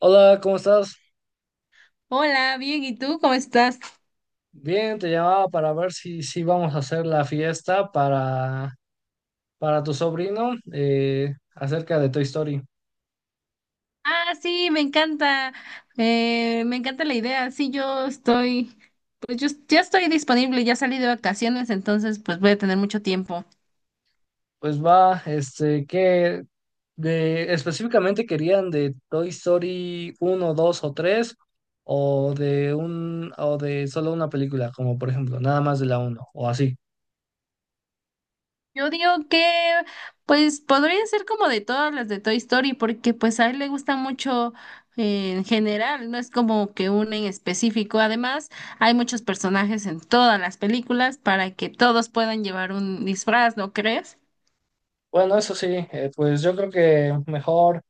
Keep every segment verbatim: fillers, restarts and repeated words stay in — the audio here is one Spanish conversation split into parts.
Hola, ¿cómo estás? Hola, bien, ¿y tú cómo estás? Bien, te llamaba para ver si, si vamos a hacer la fiesta para, para tu sobrino eh, acerca de Toy Story. Ah, sí, me encanta, eh, me encanta la idea. Sí, yo estoy, pues yo ya estoy disponible, ya salí de vacaciones, entonces pues voy a tener mucho tiempo. Pues va, este, que de, específicamente querían de Toy Story uno, dos o tres? O de un o de solo una película, como por ejemplo, nada más de la uno o así. Yo digo que, pues podría ser como de todas las de Toy Story, porque pues a él le gusta mucho eh, en general, no es como que una en específico. Además, hay muchos personajes en todas las películas para que todos puedan llevar un disfraz, ¿no crees? Bueno, eso sí, eh, pues yo creo que mejor.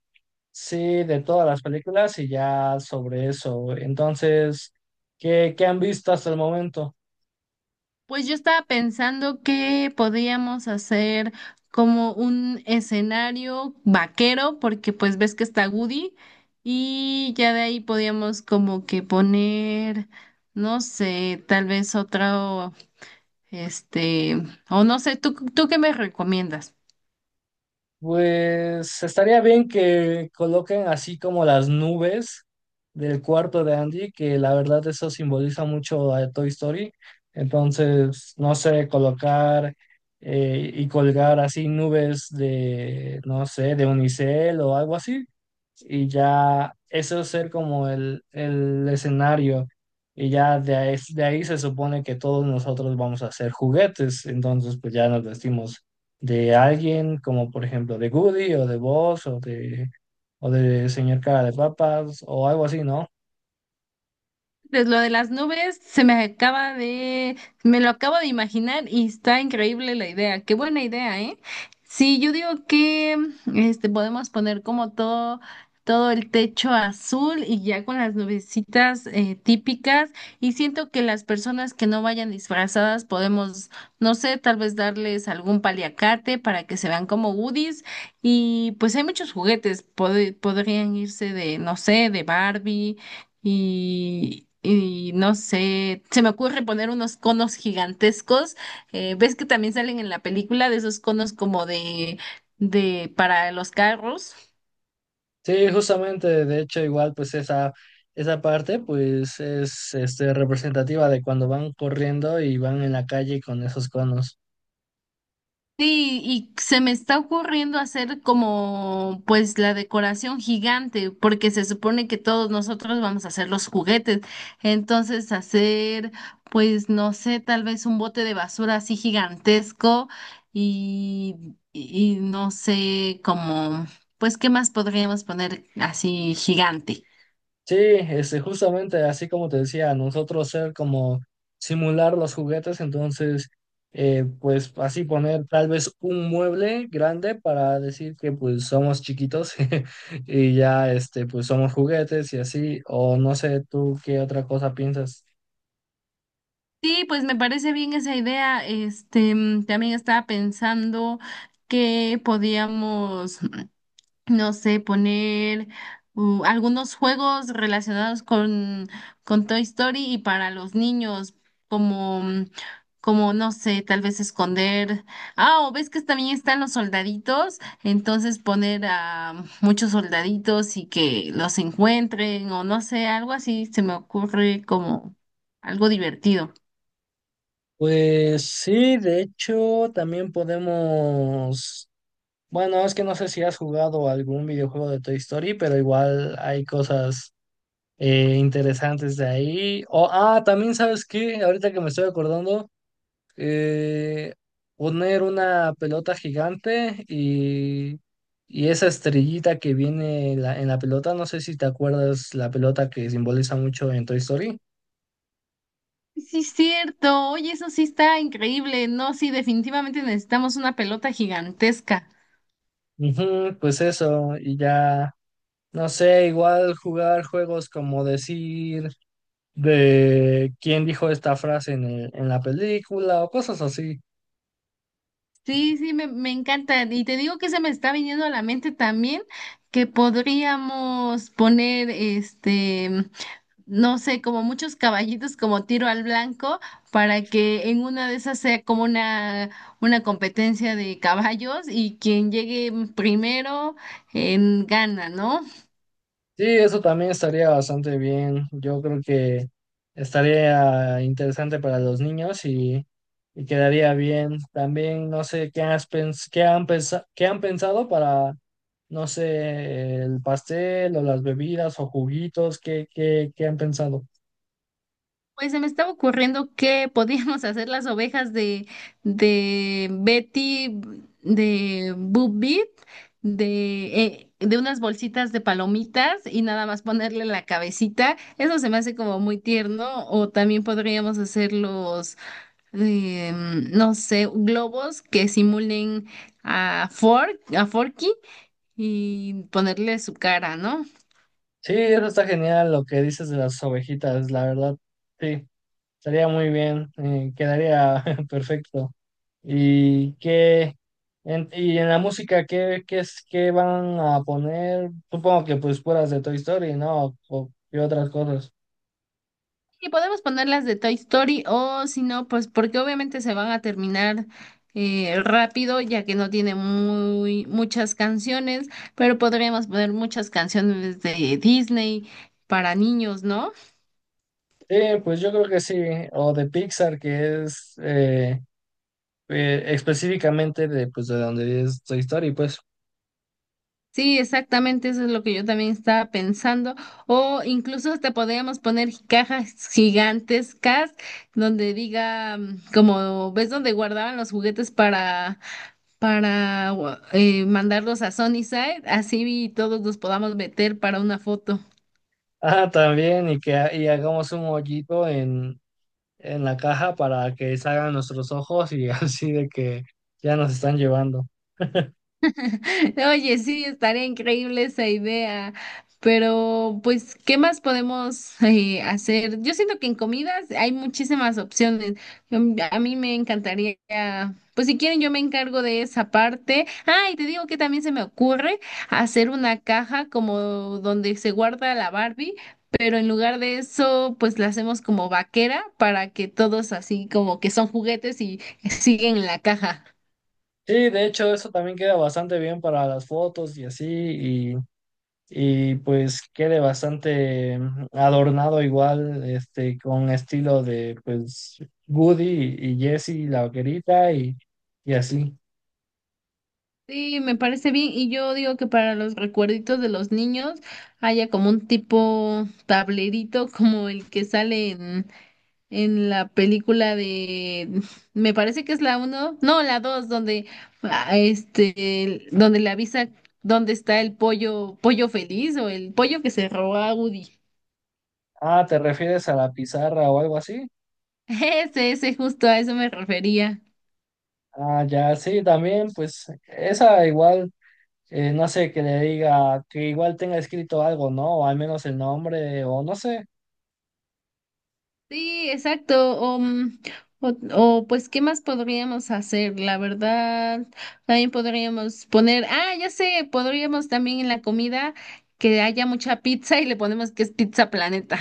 Sí, de todas las películas y ya sobre eso. Entonces, ¿qué, qué han visto hasta el momento? Pues yo estaba pensando que podíamos hacer como un escenario vaquero, porque pues ves que está Woody y ya de ahí podíamos como que poner, no sé, tal vez otro, este, o no sé, ¿tú, tú qué me recomiendas? Pues estaría bien que coloquen así como las nubes del cuarto de Andy, que la verdad eso simboliza mucho a Toy Story. Entonces, no sé, colocar eh, y colgar así nubes de, no sé, de unicel o algo así. Y ya eso ser como el, el escenario. Y ya de ahí, de ahí se supone que todos nosotros vamos a hacer juguetes. Entonces, pues ya nos vestimos de alguien como por ejemplo de Goody o de Boss o de o de señor cara de papas o algo así, ¿no? Pues lo de las nubes se me acaba de, me lo acabo de imaginar y está increíble la idea. Qué buena idea, ¿eh? Sí, yo digo que este podemos poner como todo, todo el techo azul y ya con las nubecitas eh, típicas. Y siento que las personas que no vayan disfrazadas podemos, no sé, tal vez darles algún paliacate para que se vean como Woodies. Y pues hay muchos juguetes, pod- podrían irse de, no sé, de Barbie y, y no sé, se me ocurre poner unos conos gigantescos. eh, ¿ves que también salen en la película de esos conos como de, de para los carros? Sí, justamente, de hecho igual pues esa esa parte pues es este representativa de cuando van corriendo y van en la calle con esos conos. Sí, y se me está ocurriendo hacer como pues la decoración gigante, porque se supone que todos nosotros vamos a hacer los juguetes. Entonces hacer pues no sé, tal vez un bote de basura así gigantesco y, y y no sé como pues qué más podríamos poner así gigante. Sí, este, justamente así como te decía, nosotros ser como simular los juguetes, entonces, eh, pues así poner tal vez un mueble grande para decir que pues somos chiquitos y ya, este, pues somos juguetes y así, o no sé, tú qué otra cosa piensas. Sí, pues me parece bien esa idea. Este, mm, también estaba pensando que podíamos no sé, poner uh, algunos juegos relacionados con, con Toy Story y para los niños, como, mm, como, no sé, tal vez esconder. Ah, o ves que también están los soldaditos, entonces poner a mm, muchos soldaditos y que los encuentren, o no sé, algo así se me ocurre como algo divertido. Pues sí, de hecho, también podemos, bueno, es que no sé si has jugado algún videojuego de Toy Story, pero igual hay cosas eh, interesantes de ahí. O, ah, también sabes qué, ahorita que me estoy acordando, eh, poner una pelota gigante y, y esa estrellita que viene en la, en la pelota, no sé si te acuerdas la pelota que simboliza mucho en Toy Story. Sí, cierto. Oye, eso sí está increíble. No, sí, definitivamente necesitamos una pelota gigantesca. Ujú, pues eso, y ya, no sé, igual jugar juegos como decir de quién dijo esta frase en el- en la película o cosas así. Sí, sí, me, me encanta. Y te digo que se me está viniendo a la mente también que podríamos poner, este, no sé, como muchos caballitos como tiro al blanco para que en una de esas sea como una, una competencia de caballos y quien llegue primero en gana, ¿no? Sí, eso también estaría bastante bien. Yo creo que estaría interesante para los niños y, y quedaría bien. También no sé qué has pens- qué han pensa- qué han pensado para, no sé, el pastel o las bebidas o juguitos, qué, qué, qué han pensado. Pues se me estaba ocurriendo que podíamos hacer las ovejas de, de Betty, de Boop Beep, de, eh, de unas bolsitas de palomitas y nada más ponerle la cabecita. Eso se me hace como muy tierno. O también podríamos hacer los, eh, no sé, globos que simulen a Fork, a Forky y ponerle su cara, ¿no? Sí, eso está genial lo que dices de las ovejitas, la verdad, sí, estaría muy bien, eh, quedaría perfecto. ¿Y qué? En, y en la música, ¿qué, qué es, qué van a poner? Supongo que pues puras de Toy Story, ¿no? O, y otras cosas. Y podemos ponerlas de Toy Story o si no, pues porque obviamente se van a terminar eh, rápido ya que no tiene muy muchas canciones, pero podríamos poner muchas canciones de Disney para niños, ¿no? Sí, pues yo creo que sí, o de Pixar, que es eh, eh, específicamente de, pues, de donde es Toy Story, pues. Sí, exactamente, eso es lo que yo también estaba pensando. O incluso hasta podríamos poner cajas gigantescas donde diga, mm, como ves donde guardaban los juguetes para, para gua- eh, mandarlos a Sunnyside, así todos los podamos meter para una foto. Ah, también, y que ha- y hagamos un hoyito en, en la caja para que salgan nuestros ojos y así de que ya nos están llevando. Oye, sí, estaría increíble esa idea, pero pues, ¿qué más podemos eh, hacer? Yo siento que en comidas hay muchísimas opciones. Yo- a mí me encantaría, pues si quieren yo me encargo de esa parte. Ah, y te digo que también se me ocurre hacer una caja como donde se guarda la Barbie, pero en lugar de eso, pues la hacemos como vaquera para que todos así como que son juguetes y siguen en la caja. Sí, de hecho, eso también queda bastante bien para las fotos y así, y, y pues quede bastante mm, adornado igual, este, con estilo de, pues, Woody y, y Jessie, la vaquerita y, y así. Sí, me parece bien. Y yo digo que para los recuerditos de los niños haya como un tipo tablerito como el que sale en, en la película de, me parece que es la uno, no, la dos, donde ah, este, donde le avisa dónde está el pollo, pollo feliz o el pollo que se robó a Woody. Ah, ¿te refieres a la pizarra o algo así? Ese, ese, justo a eso me refería. Ah, ya, sí, también, pues, esa igual. Eh, no sé, que le diga que igual tenga escrito algo, ¿no? O al menos el nombre, o no sé. Sí, exacto. O, mm, o, o, pues, ¿qué más podríamos hacer? La verdad, también podríamos poner, ah, ya sé, podríamos también en la comida que haya mucha pizza y le ponemos que es Pizza Planeta.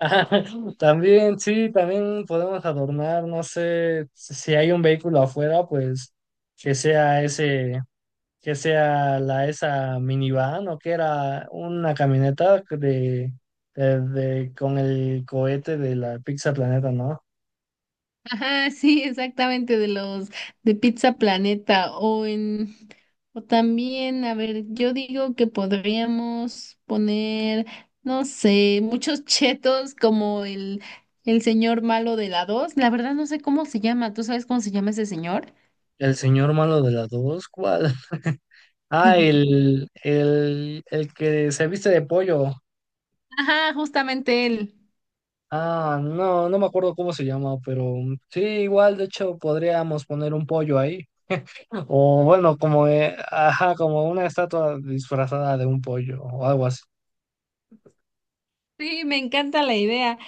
También, sí, también podemos adornar, no sé, si si hay un vehículo afuera, pues que sea ese, que sea la esa minivan o que era una camioneta de, de- de- con el cohete de la Pizza Planeta, ¿no? Ajá, sí, exactamente, de los de Pizza Planeta o en o también, a ver, yo digo que podríamos poner, no sé, muchos chetos como el el señor malo de la dos. La verdad no sé cómo se llama, ¿tú sabes cómo se llama ese señor? El señor malo de las dos, ¿cuál? Ah, el, el, el que se viste de pollo. Ajá, justamente él. Ah, no, no me acuerdo cómo se llama, pero mm, sí, igual, de hecho, podríamos poner un pollo ahí. O bueno, como, eh, ajá, como una estatua disfrazada de un pollo o algo así. Sí, me encanta la idea.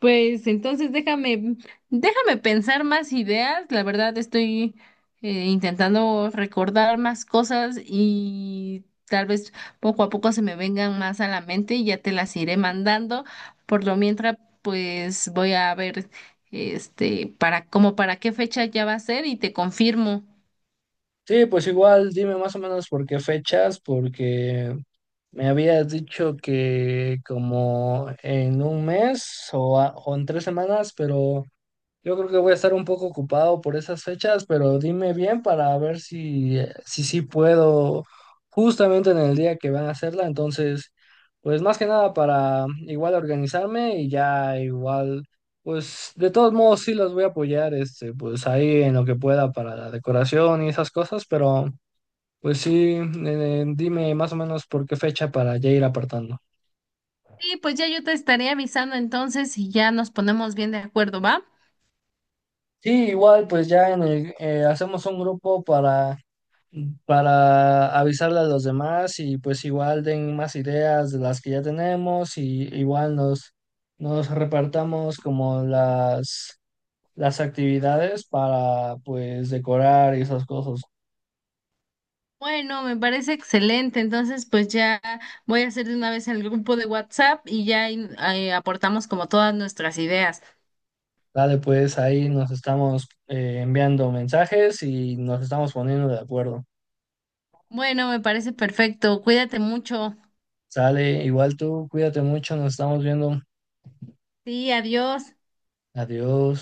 Pues entonces déjame, déjame pensar más ideas. La verdad estoy eh, intentando recordar más cosas y tal vez poco a poco se me vengan más a la mente y ya te las iré mandando. Por lo mientras, pues voy a ver este para como para qué fecha ya va a ser y te confirmo. Sí, pues igual, dime más o menos por qué fechas, porque me habías dicho que como en un mes o, a- o en tres semanas, pero... Yo creo que voy a estar un poco ocupado por esas fechas, pero dime bien para ver si, eh, si sí puedo justamente en el día que van a hacerla. Entonces, pues más que nada para igual organizarme y ya igual, pues de todos modos sí los voy a apoyar, este, pues ahí en lo que pueda para la decoración y esas cosas, pero pues sí, eh, dime más o menos por qué fecha para ya ir apartando. Sí, pues ya yo te estaré avisando entonces y ya nos ponemos bien de acuerdo, ¿va? Sí, igual pues ya en el, eh, hacemos un grupo para... para avisarle a los demás y pues igual den más ideas de las que ya tenemos y igual nos, nos repartamos como las, las actividades para pues decorar y esas cosas. Bueno, me parece excelente. Entonces, pues ya voy a hacer de una vez el grupo de WhatsApp y ya ahí, ahí aportamos como todas nuestras ideas. Dale, pues ahí nos estamos eh, enviando mensajes y nos estamos poniendo de acuerdo. Bueno, me parece perfecto. Cuídate mucho. Sale, igual tú, cuídate mucho, nos estamos viendo. Sí, adiós. Adiós.